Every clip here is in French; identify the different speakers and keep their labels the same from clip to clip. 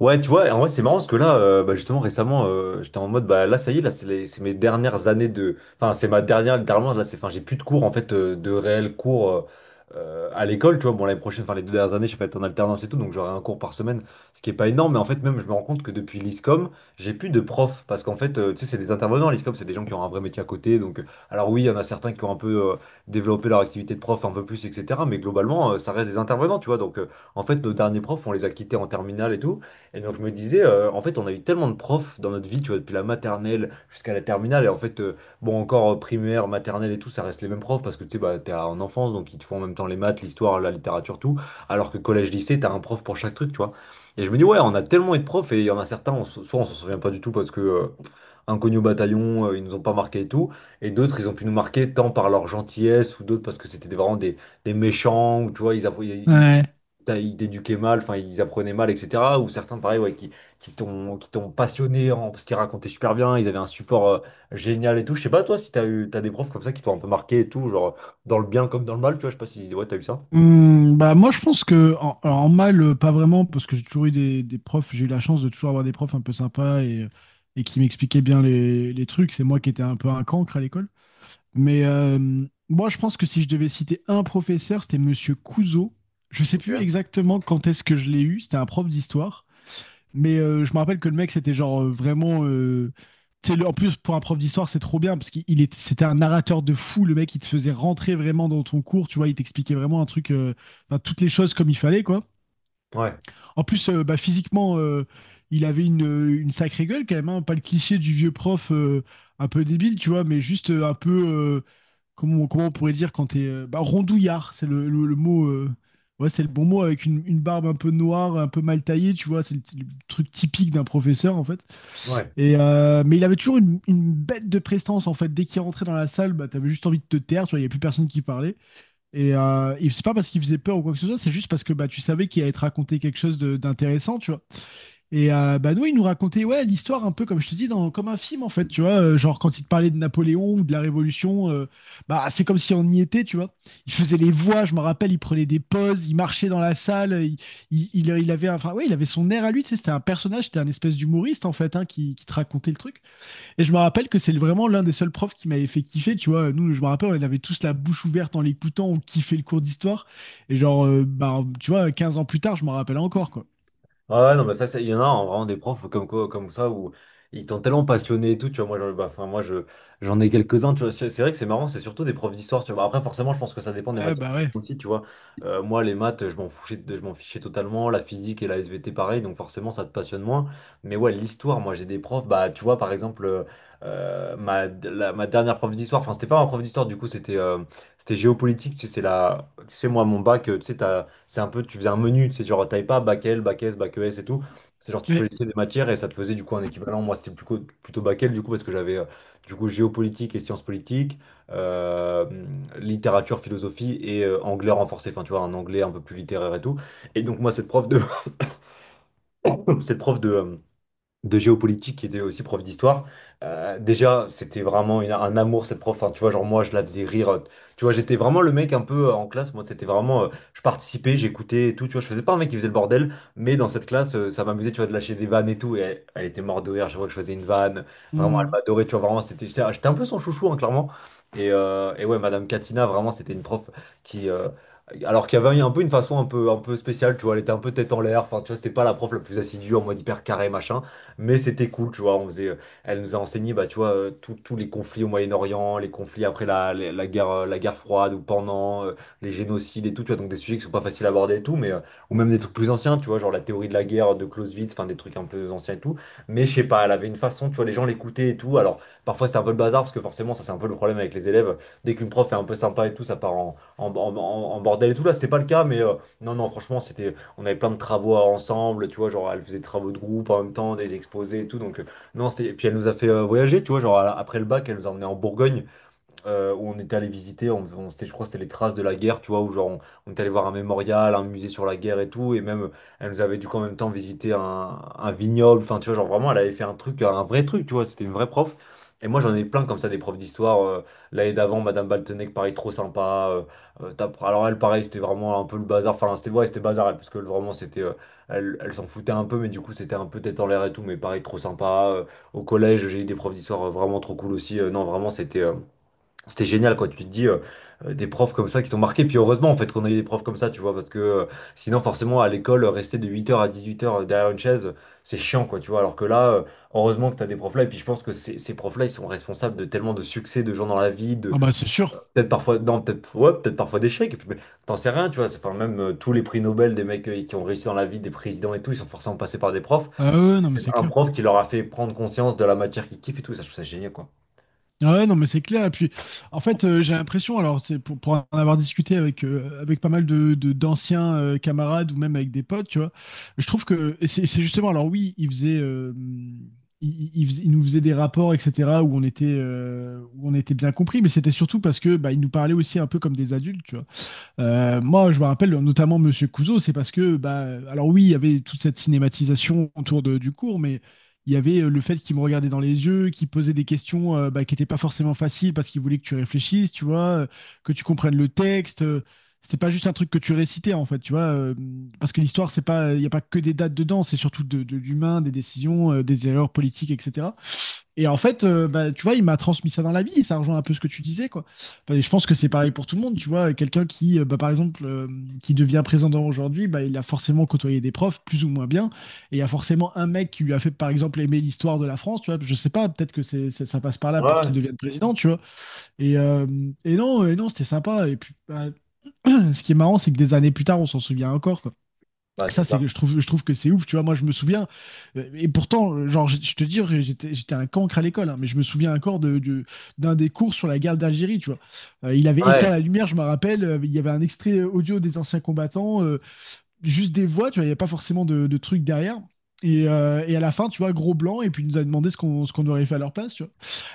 Speaker 1: Ouais, tu vois, en vrai, c'est marrant parce que là, bah, justement, récemment, j'étais en mode, bah là, ça y est, là, c'est mes dernières années de. Enfin, c'est ma dernière, littéralement, là, c'est. Enfin, j'ai plus de cours, en fait, de réels cours à l'école, tu vois. Bon, l'année prochaine, enfin, les deux dernières années, je vais être en alternance et tout, donc j'aurai un cours par semaine, ce qui est pas énorme, mais en fait, même, je me rends compte que depuis l'ISCOM, j'ai plus de profs parce qu'en fait, tu sais, c'est des intervenants, l'ISCOM, c'est des gens qui ont un vrai métier à côté, donc. Alors, oui, il y en a certains qui ont un peu développé leur activité de prof un peu plus, etc., mais globalement, ça reste des intervenants, tu vois. Donc, en fait, nos derniers profs, on les a quittés en terminale et tout. Et donc je me disais, en fait, on a eu tellement de profs dans notre vie, tu vois, depuis la maternelle jusqu'à la terminale. Et en fait, bon, encore primaire, maternelle et tout, ça reste les mêmes profs parce que tu sais, bah, t'es en enfance, donc ils te font en même temps les maths, l'histoire, la littérature, tout. Alors que collège, lycée, t'as un prof pour chaque truc, tu vois. Et je me dis, ouais, on a tellement eu de profs et il y en a certains, soit on s'en souvient pas du tout parce que, inconnus au bataillon, ils nous ont pas marqué et tout. Et d'autres, ils ont pu nous marquer tant par leur gentillesse ou d'autres parce que vraiment des méchants, ou tu vois, ils,
Speaker 2: Ouais.
Speaker 1: ils t'éduquaient mal, enfin ils apprenaient mal, etc. Ou certains, pareil, ouais, qui t'ont passionné, parce qu'ils racontaient super bien, ils avaient un support génial et tout. Je sais pas, toi, si t'as des profs comme ça qui t'ont un peu marqué et tout, genre dans le bien comme dans le mal, tu vois, je sais pas si ouais, t'as eu ça.
Speaker 2: Hmm, bah moi je pense que alors, en mal, pas vraiment parce que j'ai toujours eu des profs, j'ai eu la chance de toujours avoir des profs un peu sympas, et qui m'expliquaient bien les trucs. C'est moi qui étais un peu un cancre à l'école, mais moi je pense que si je devais citer un professeur, c'était Monsieur Couzeau. Je sais plus
Speaker 1: Ok.
Speaker 2: exactement quand est-ce que je l'ai eu, c'était un prof d'histoire. Mais je me rappelle que le mec, c'était genre vraiment, tu sais, en plus, pour un prof d'histoire, c'est trop bien parce qu'il il est- c'était un narrateur de fou. Le mec, il te faisait rentrer vraiment dans ton cours. Tu vois, il t'expliquait vraiment un truc, enfin, toutes les choses comme il fallait, quoi.
Speaker 1: Ouais,
Speaker 2: En plus, physiquement, il avait une sacrée gueule quand même, hein. Pas le cliché du vieux prof, un peu débile, tu vois, mais juste un peu, comment, comment on pourrait dire quand t'es, rondouillard, c'est le mot, ouais, c'est le bon mot, avec une barbe un peu noire, un peu mal taillée, tu vois, c'est le truc typique d'un professeur en fait.
Speaker 1: ouais.
Speaker 2: Mais il avait toujours une bête de prestance en fait. Dès qu'il rentrait dans la salle, bah, t'avais juste envie de te taire, tu vois, il n'y avait plus personne qui parlait. Et c'est pas parce qu'il faisait peur ou quoi que ce soit, c'est juste parce que bah, tu savais qu'il allait te raconter quelque chose d'intéressant, tu vois. Et nous, il nous racontait, ouais, l'histoire un peu, comme je te dis, comme un film, en fait, tu vois. Genre, quand il te parlait de Napoléon ou de la Révolution, bah, c'est comme si on y était, tu vois. Il faisait les voix, je me rappelle, il prenait des pauses, il marchait dans la salle, il avait, enfin, ouais, il avait son air à lui, tu sais, c'était un personnage, c'était un espèce d'humoriste, en fait, hein, qui te racontait le truc. Et je me rappelle que c'est vraiment l'un des seuls profs qui m'avait fait kiffer, tu vois. Nous, je me rappelle, on avait tous la bouche ouverte en l'écoutant, on kiffait le cours d'histoire. Et genre, tu vois, 15 ans plus tard, je m'en rappelle encore, quoi.
Speaker 1: Ah ouais, non, mais il y en a hein, vraiment des profs comme quoi, comme ça où ils t'ont tellement passionné et tout, tu vois. Bah, enfin, j'en ai quelques-uns, tu vois. C'est vrai que c'est marrant, c'est surtout des profs d'histoire, tu vois. Après, forcément, je pense que ça dépend des
Speaker 2: Ouais,
Speaker 1: matières
Speaker 2: bah ouais.
Speaker 1: aussi, tu vois. Moi, les maths, je m'en fichais totalement. La physique et la SVT, pareil, donc forcément, ça te passionne moins. Mais ouais, l'histoire, moi, j'ai des profs, bah, tu vois, par exemple, ma dernière prof d'histoire, enfin, c'était pas ma prof d'histoire, du coup, c'était géopolitique, tu sais, c'est la, tu sais, moi, mon bac, tu sais, t'as. C'est un peu, tu faisais un menu, c'est genre, t'avais pas bac L, bac S, bac ES et tout. C'est genre, tu
Speaker 2: Ouais.
Speaker 1: choisissais des matières et ça te faisait du coup un équivalent. Moi, c'était plutôt, plutôt bac L, du coup, parce que j'avais du coup géopolitique et sciences politiques, euh, littérature, philosophie et anglais renforcé. Enfin, tu vois, un anglais un peu plus littéraire et tout. Et donc, moi, cette prof de, cette prof de, euh, de géopolitique qui était aussi prof d'histoire. Déjà, c'était vraiment un amour cette prof. Enfin, tu vois, genre moi, je la faisais rire. Tu vois, j'étais vraiment le mec un peu en classe. Moi, c'était vraiment, je participais, j'écoutais et tout. Tu vois, je faisais pas un mec qui faisait le bordel, mais dans cette classe, ça m'amusait, tu vois, de lâcher des vannes et tout. Et elle, elle était morte de rire chaque fois que je faisais une vanne. Vraiment, elle
Speaker 2: Mmh.
Speaker 1: m'adorait. Tu vois, vraiment, c'était, j'étais un peu son chouchou, hein, clairement. Et ouais, Madame Katina, vraiment, c'était une prof qui, alors qu'il y avait un peu une façon un peu spéciale, tu vois, elle était un peu tête en l'air, enfin, tu vois, c'était pas la prof la plus assidue en mode hyper carré, machin. Mais c'était cool, tu vois. Elle nous a enseigné, bah, tu vois, tous les conflits au Moyen-Orient, les conflits après la guerre, la guerre froide ou pendant, les génocides et tout, tu vois. Donc des sujets qui sont pas faciles à aborder et tout, mais ou même des trucs plus anciens, tu vois, genre la théorie de la guerre de Clausewitz, enfin des trucs un peu anciens et tout. Mais je sais pas, elle avait une façon, tu vois, les gens l'écoutaient et tout. Alors parfois c'était un peu le bazar parce que forcément, ça c'est un peu le problème avec les élèves. Dès qu'une prof est un peu sympa et tout, ça part en bordel et tout. Là, c'était pas le cas, mais non, non, franchement, c'était on avait plein de travaux ensemble, tu vois, genre elle faisait des travaux de groupe en même temps, des exposés et tout. Non, c'était. Et puis elle nous a fait voyager, tu vois, genre après le bac, elle nous a emmenés en Bourgogne, où on était allé visiter, c'était, je crois que c'était les traces de la guerre, tu vois, où genre on était allé voir un mémorial, un musée sur la guerre et tout, et même elle nous avait dû en même temps visiter un vignoble, enfin tu vois, genre vraiment elle avait fait un truc, un vrai truc, tu vois, c'était une vraie prof. Et moi j'en ai plein comme ça des profs d'histoire. L'année d'avant, Madame Baltenec, pareil, trop sympa. Alors elle, pareil, c'était vraiment un peu le bazar. Enfin, c'était ouais, c'était bazar, elle, parce que vraiment c'était, elle, elle s'en foutait un peu, mais du coup c'était un peu tête en l'air et tout, mais pareil, trop sympa. Au collège, j'ai eu des profs d'histoire vraiment trop cool aussi. Non, vraiment c'était, c'était génial, quoi. Tu te dis, des profs comme ça qui t'ont marqué. Puis heureusement, en fait, qu'on a eu des profs comme ça, tu vois, parce que sinon, forcément, à l'école, rester de 8 heures à 18 heures derrière une chaise, c'est chiant, quoi, tu vois. Alors que là, heureusement que t'as des profs là. Et puis, je pense que ces profs-là, ils sont responsables de tellement de succès de gens dans la vie, de
Speaker 2: Ah bah c'est sûr.
Speaker 1: peut-être parfois, non, peut-être, ouais, peut-être parfois d'échecs. Et puis, mais t'en sais rien, tu vois. C'est- Enfin, même tous les prix Nobel des mecs qui ont réussi dans la vie, des présidents et tout, ils sont forcément passés par des profs.
Speaker 2: Ah ouais, ouais, non, mais
Speaker 1: C'est
Speaker 2: c'est
Speaker 1: un
Speaker 2: clair.
Speaker 1: prof qui leur a fait prendre conscience de la matière qu'ils kiffent et tout. Ça, je trouve ça génial, quoi.
Speaker 2: Ouais, non, mais c'est clair. Et puis, en fait, j'ai l'impression, alors, c'est pour en avoir discuté avec, avec pas mal d'anciens camarades ou même avec des potes, tu vois, je trouve que c'est justement, alors oui, ils faisaient, ils nous faisaient des rapports, etc., où on était bien compris, mais c'était surtout parce que bah, ils nous parlaient aussi un peu comme des adultes, tu vois. Moi, je me rappelle notamment Monsieur Couzeau, c'est parce que, bah, alors oui, il y avait toute cette cinématisation autour du cours, mais il y avait, le fait qu'il me regardait dans les yeux, qu'il posait des questions, bah, qui n'étaient pas forcément faciles parce qu'il voulait que tu réfléchisses, tu vois, que tu comprennes le texte. C'était pas juste un truc que tu récitais en fait, tu vois, parce que l'histoire, c'est pas, il n'y a pas que des dates dedans, c'est surtout de l'humain, des décisions, des erreurs politiques, etc. Et en fait, tu vois, il m'a transmis ça dans la vie, et ça rejoint un peu ce que tu disais, quoi. Enfin, je pense que c'est pareil pour tout le monde, tu vois. Quelqu'un qui, par exemple, qui devient président aujourd'hui, bah, il a forcément côtoyé des profs, plus ou moins bien. Et il y a forcément un mec qui lui a fait, par exemple, aimer l'histoire de la France, tu vois. Je sais pas, peut-être que c'est ça passe par là pour qu'il
Speaker 1: Ouais,
Speaker 2: devienne président, tu vois. Et, euh, et non, c'était sympa. Et puis, bah, ce qui est marrant, c'est que des années plus tard, on s'en souvient encore,
Speaker 1: bah, c'est
Speaker 2: ça,
Speaker 1: ça.
Speaker 2: c'est, je trouve que c'est ouf, tu vois. Moi, je me souviens, et pourtant, genre, je te dis, j'étais un cancre à l'école, hein, mais je me souviens encore d'un des cours sur la guerre d'Algérie, tu vois. Il avait éteint
Speaker 1: Ouais.
Speaker 2: la lumière, je me rappelle, il y avait un extrait audio des anciens combattants, juste des voix, tu vois, il n'y avait pas forcément de trucs derrière. Et à la fin, tu vois, gros blanc, et puis il nous a demandé ce qu'on aurait fait à leur place, tu vois.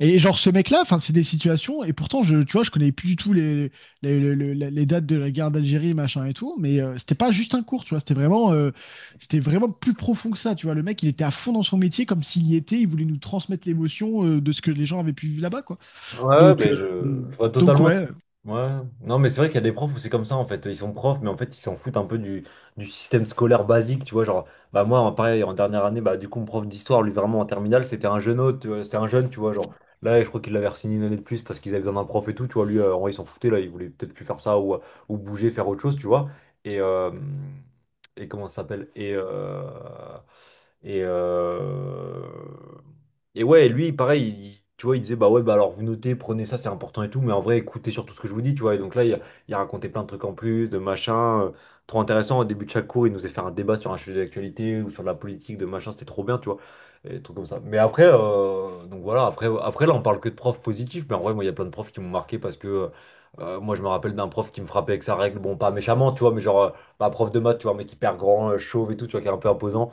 Speaker 2: Et genre ce mec-là, enfin c'est des situations, et pourtant tu vois, je connais plus du tout les dates de la guerre d'Algérie machin et tout, mais c'était pas juste un cours, tu vois, c'était vraiment, c'était vraiment plus profond que ça, tu vois. Le mec, il était à fond dans son métier comme s'il y était, il voulait nous transmettre l'émotion, de ce que les gens avaient pu vivre là-bas, quoi.
Speaker 1: Ouais,
Speaker 2: Donc
Speaker 1: mais
Speaker 2: euh,
Speaker 1: je vois
Speaker 2: donc
Speaker 1: totalement.
Speaker 2: ouais.
Speaker 1: Ouais. Non, mais c'est vrai qu'il y a des profs où c'est comme ça, en fait. Ils sont profs, mais en fait, ils s'en foutent un peu du système scolaire basique, tu vois. Genre, bah, moi, pareil, en dernière année, bah, du coup, mon prof d'histoire, lui, vraiment, en terminale, c'était un jeune autre, tu vois, c'était un jeune, tu vois. Genre, là, je crois qu'il l'avait re-signé une année de plus parce qu'ils avaient besoin d'un prof et tout, tu vois. Lui, en vrai, il s'en foutait, là, il voulait peut-être plus faire ça ou bouger, faire autre chose, tu vois. Et, euh, et comment ça s'appelle? Et, euh, et ouais, lui, pareil, tu vois, il disait, bah ouais, bah alors vous notez, prenez ça, c'est important et tout, mais en vrai, écoutez surtout ce que je vous dis, tu vois. Et donc là, il a raconté plein de trucs en plus, de machin, trop intéressant. Au début de chaque cours, il nous faisait faire un débat sur un sujet d'actualité ou sur la politique, de machin, c'était trop bien, tu vois. Et des trucs comme ça. Mais après, donc voilà, après, après là, on parle que de profs positifs, mais en vrai, moi, il y a plein de profs qui m'ont marqué parce que. Moi, je me rappelle d'un prof qui me frappait avec sa règle, bon, pas méchamment, tu vois, mais genre, pas prof de maths, tu vois, mais hyper grand, chauve et tout, tu vois, qui est un peu imposant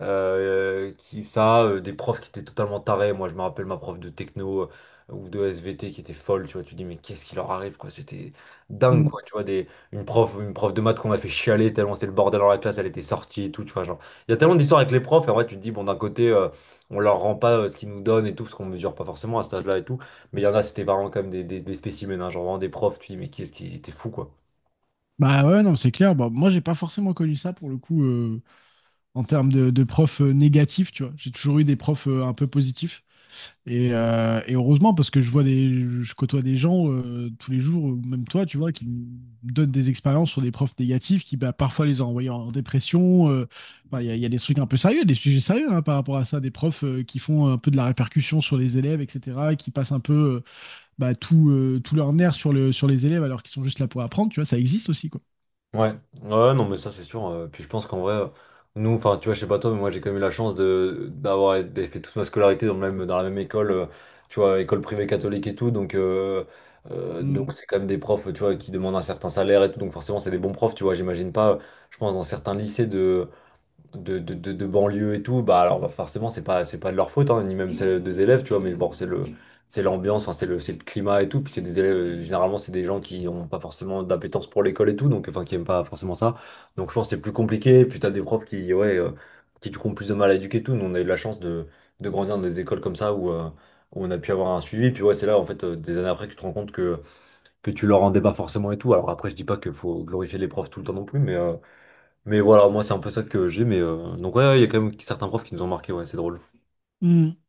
Speaker 1: euh, qui, ça, euh, des profs qui étaient totalement tarés. Moi, je me rappelle ma prof de techno ou de SVT qui était folle, tu vois. Tu dis, mais qu'est-ce qui leur arrive, quoi? C'était dingue, quoi.
Speaker 2: Mm.
Speaker 1: Tu vois, une prof de maths qu'on a fait chialer tellement c'était le bordel dans la classe, elle était sortie et tout, tu vois. Genre, il y a tellement d'histoires avec les profs, et en vrai, tu te dis, bon, d'un côté, on leur rend pas ce qu'ils nous donnent et tout, parce qu'on mesure pas forcément à cet âge-là et tout. Mais il y en a, c'était vraiment comme des spécimens, hein, genre vraiment des profs, tu dis, mais qu'est-ce qui était fou, quoi.
Speaker 2: Bah ouais, non, c'est clair. Bah, moi j'ai pas forcément connu ça pour le coup, en termes de profs, négatifs, tu vois. J'ai toujours eu des profs, un peu positifs. Et heureusement, parce que je vois des, je côtoie des gens, tous les jours, ou même toi, tu vois, qui me donnent des expériences sur des profs négatifs qui, bah, parfois, les ont envoyés en dépression. Enfin, il y a des trucs un peu sérieux, des sujets sérieux, hein, par rapport à ça, des profs, qui font un peu de la répercussion sur les élèves, etc., qui passent un peu, tout leur nerf sur sur les élèves alors qu'ils sont juste là pour apprendre, tu vois, ça existe aussi, quoi.
Speaker 1: Ouais, ouais, non, mais ça c'est sûr. Puis je pense qu'en vrai, nous, enfin, tu vois, je sais pas toi, mais moi j'ai quand même eu la chance de d'avoir été- fait toute ma scolarité dans la même école, tu vois, école privée catholique et tout. Donc,
Speaker 2: Mm.
Speaker 1: c'est quand même des profs, tu vois, qui demandent un certain salaire et tout. Donc forcément, c'est des bons profs, tu vois. J'imagine pas, je pense, dans certains lycées de banlieue et tout, bah alors, forcément c'est pas de leur faute hein, ni même celle des élèves, tu vois, mais bon c'est l'ambiance, enfin c'est le climat et tout, puis c'est des élèves généralement c'est des gens qui ont pas forcément d'appétence pour l'école et tout, donc enfin qui aiment pas forcément ça. Donc je pense que c'est plus compliqué, puis t'as des profs qui du coup ont plus de mal à éduquer et tout. Nous on a eu la chance de grandir dans des écoles comme ça, où on a pu avoir un suivi, puis ouais, c'est là en fait des années après que tu te rends compte que tu leur rendais pas forcément et tout. Alors après, je dis pas qu'il faut glorifier les profs tout le temps non plus, mais voilà, moi c'est un peu ça que j'ai, mais donc ouais, ouais, il y a quand même certains profs qui nous ont marqué, ouais, c'est drôle.
Speaker 2: Mm.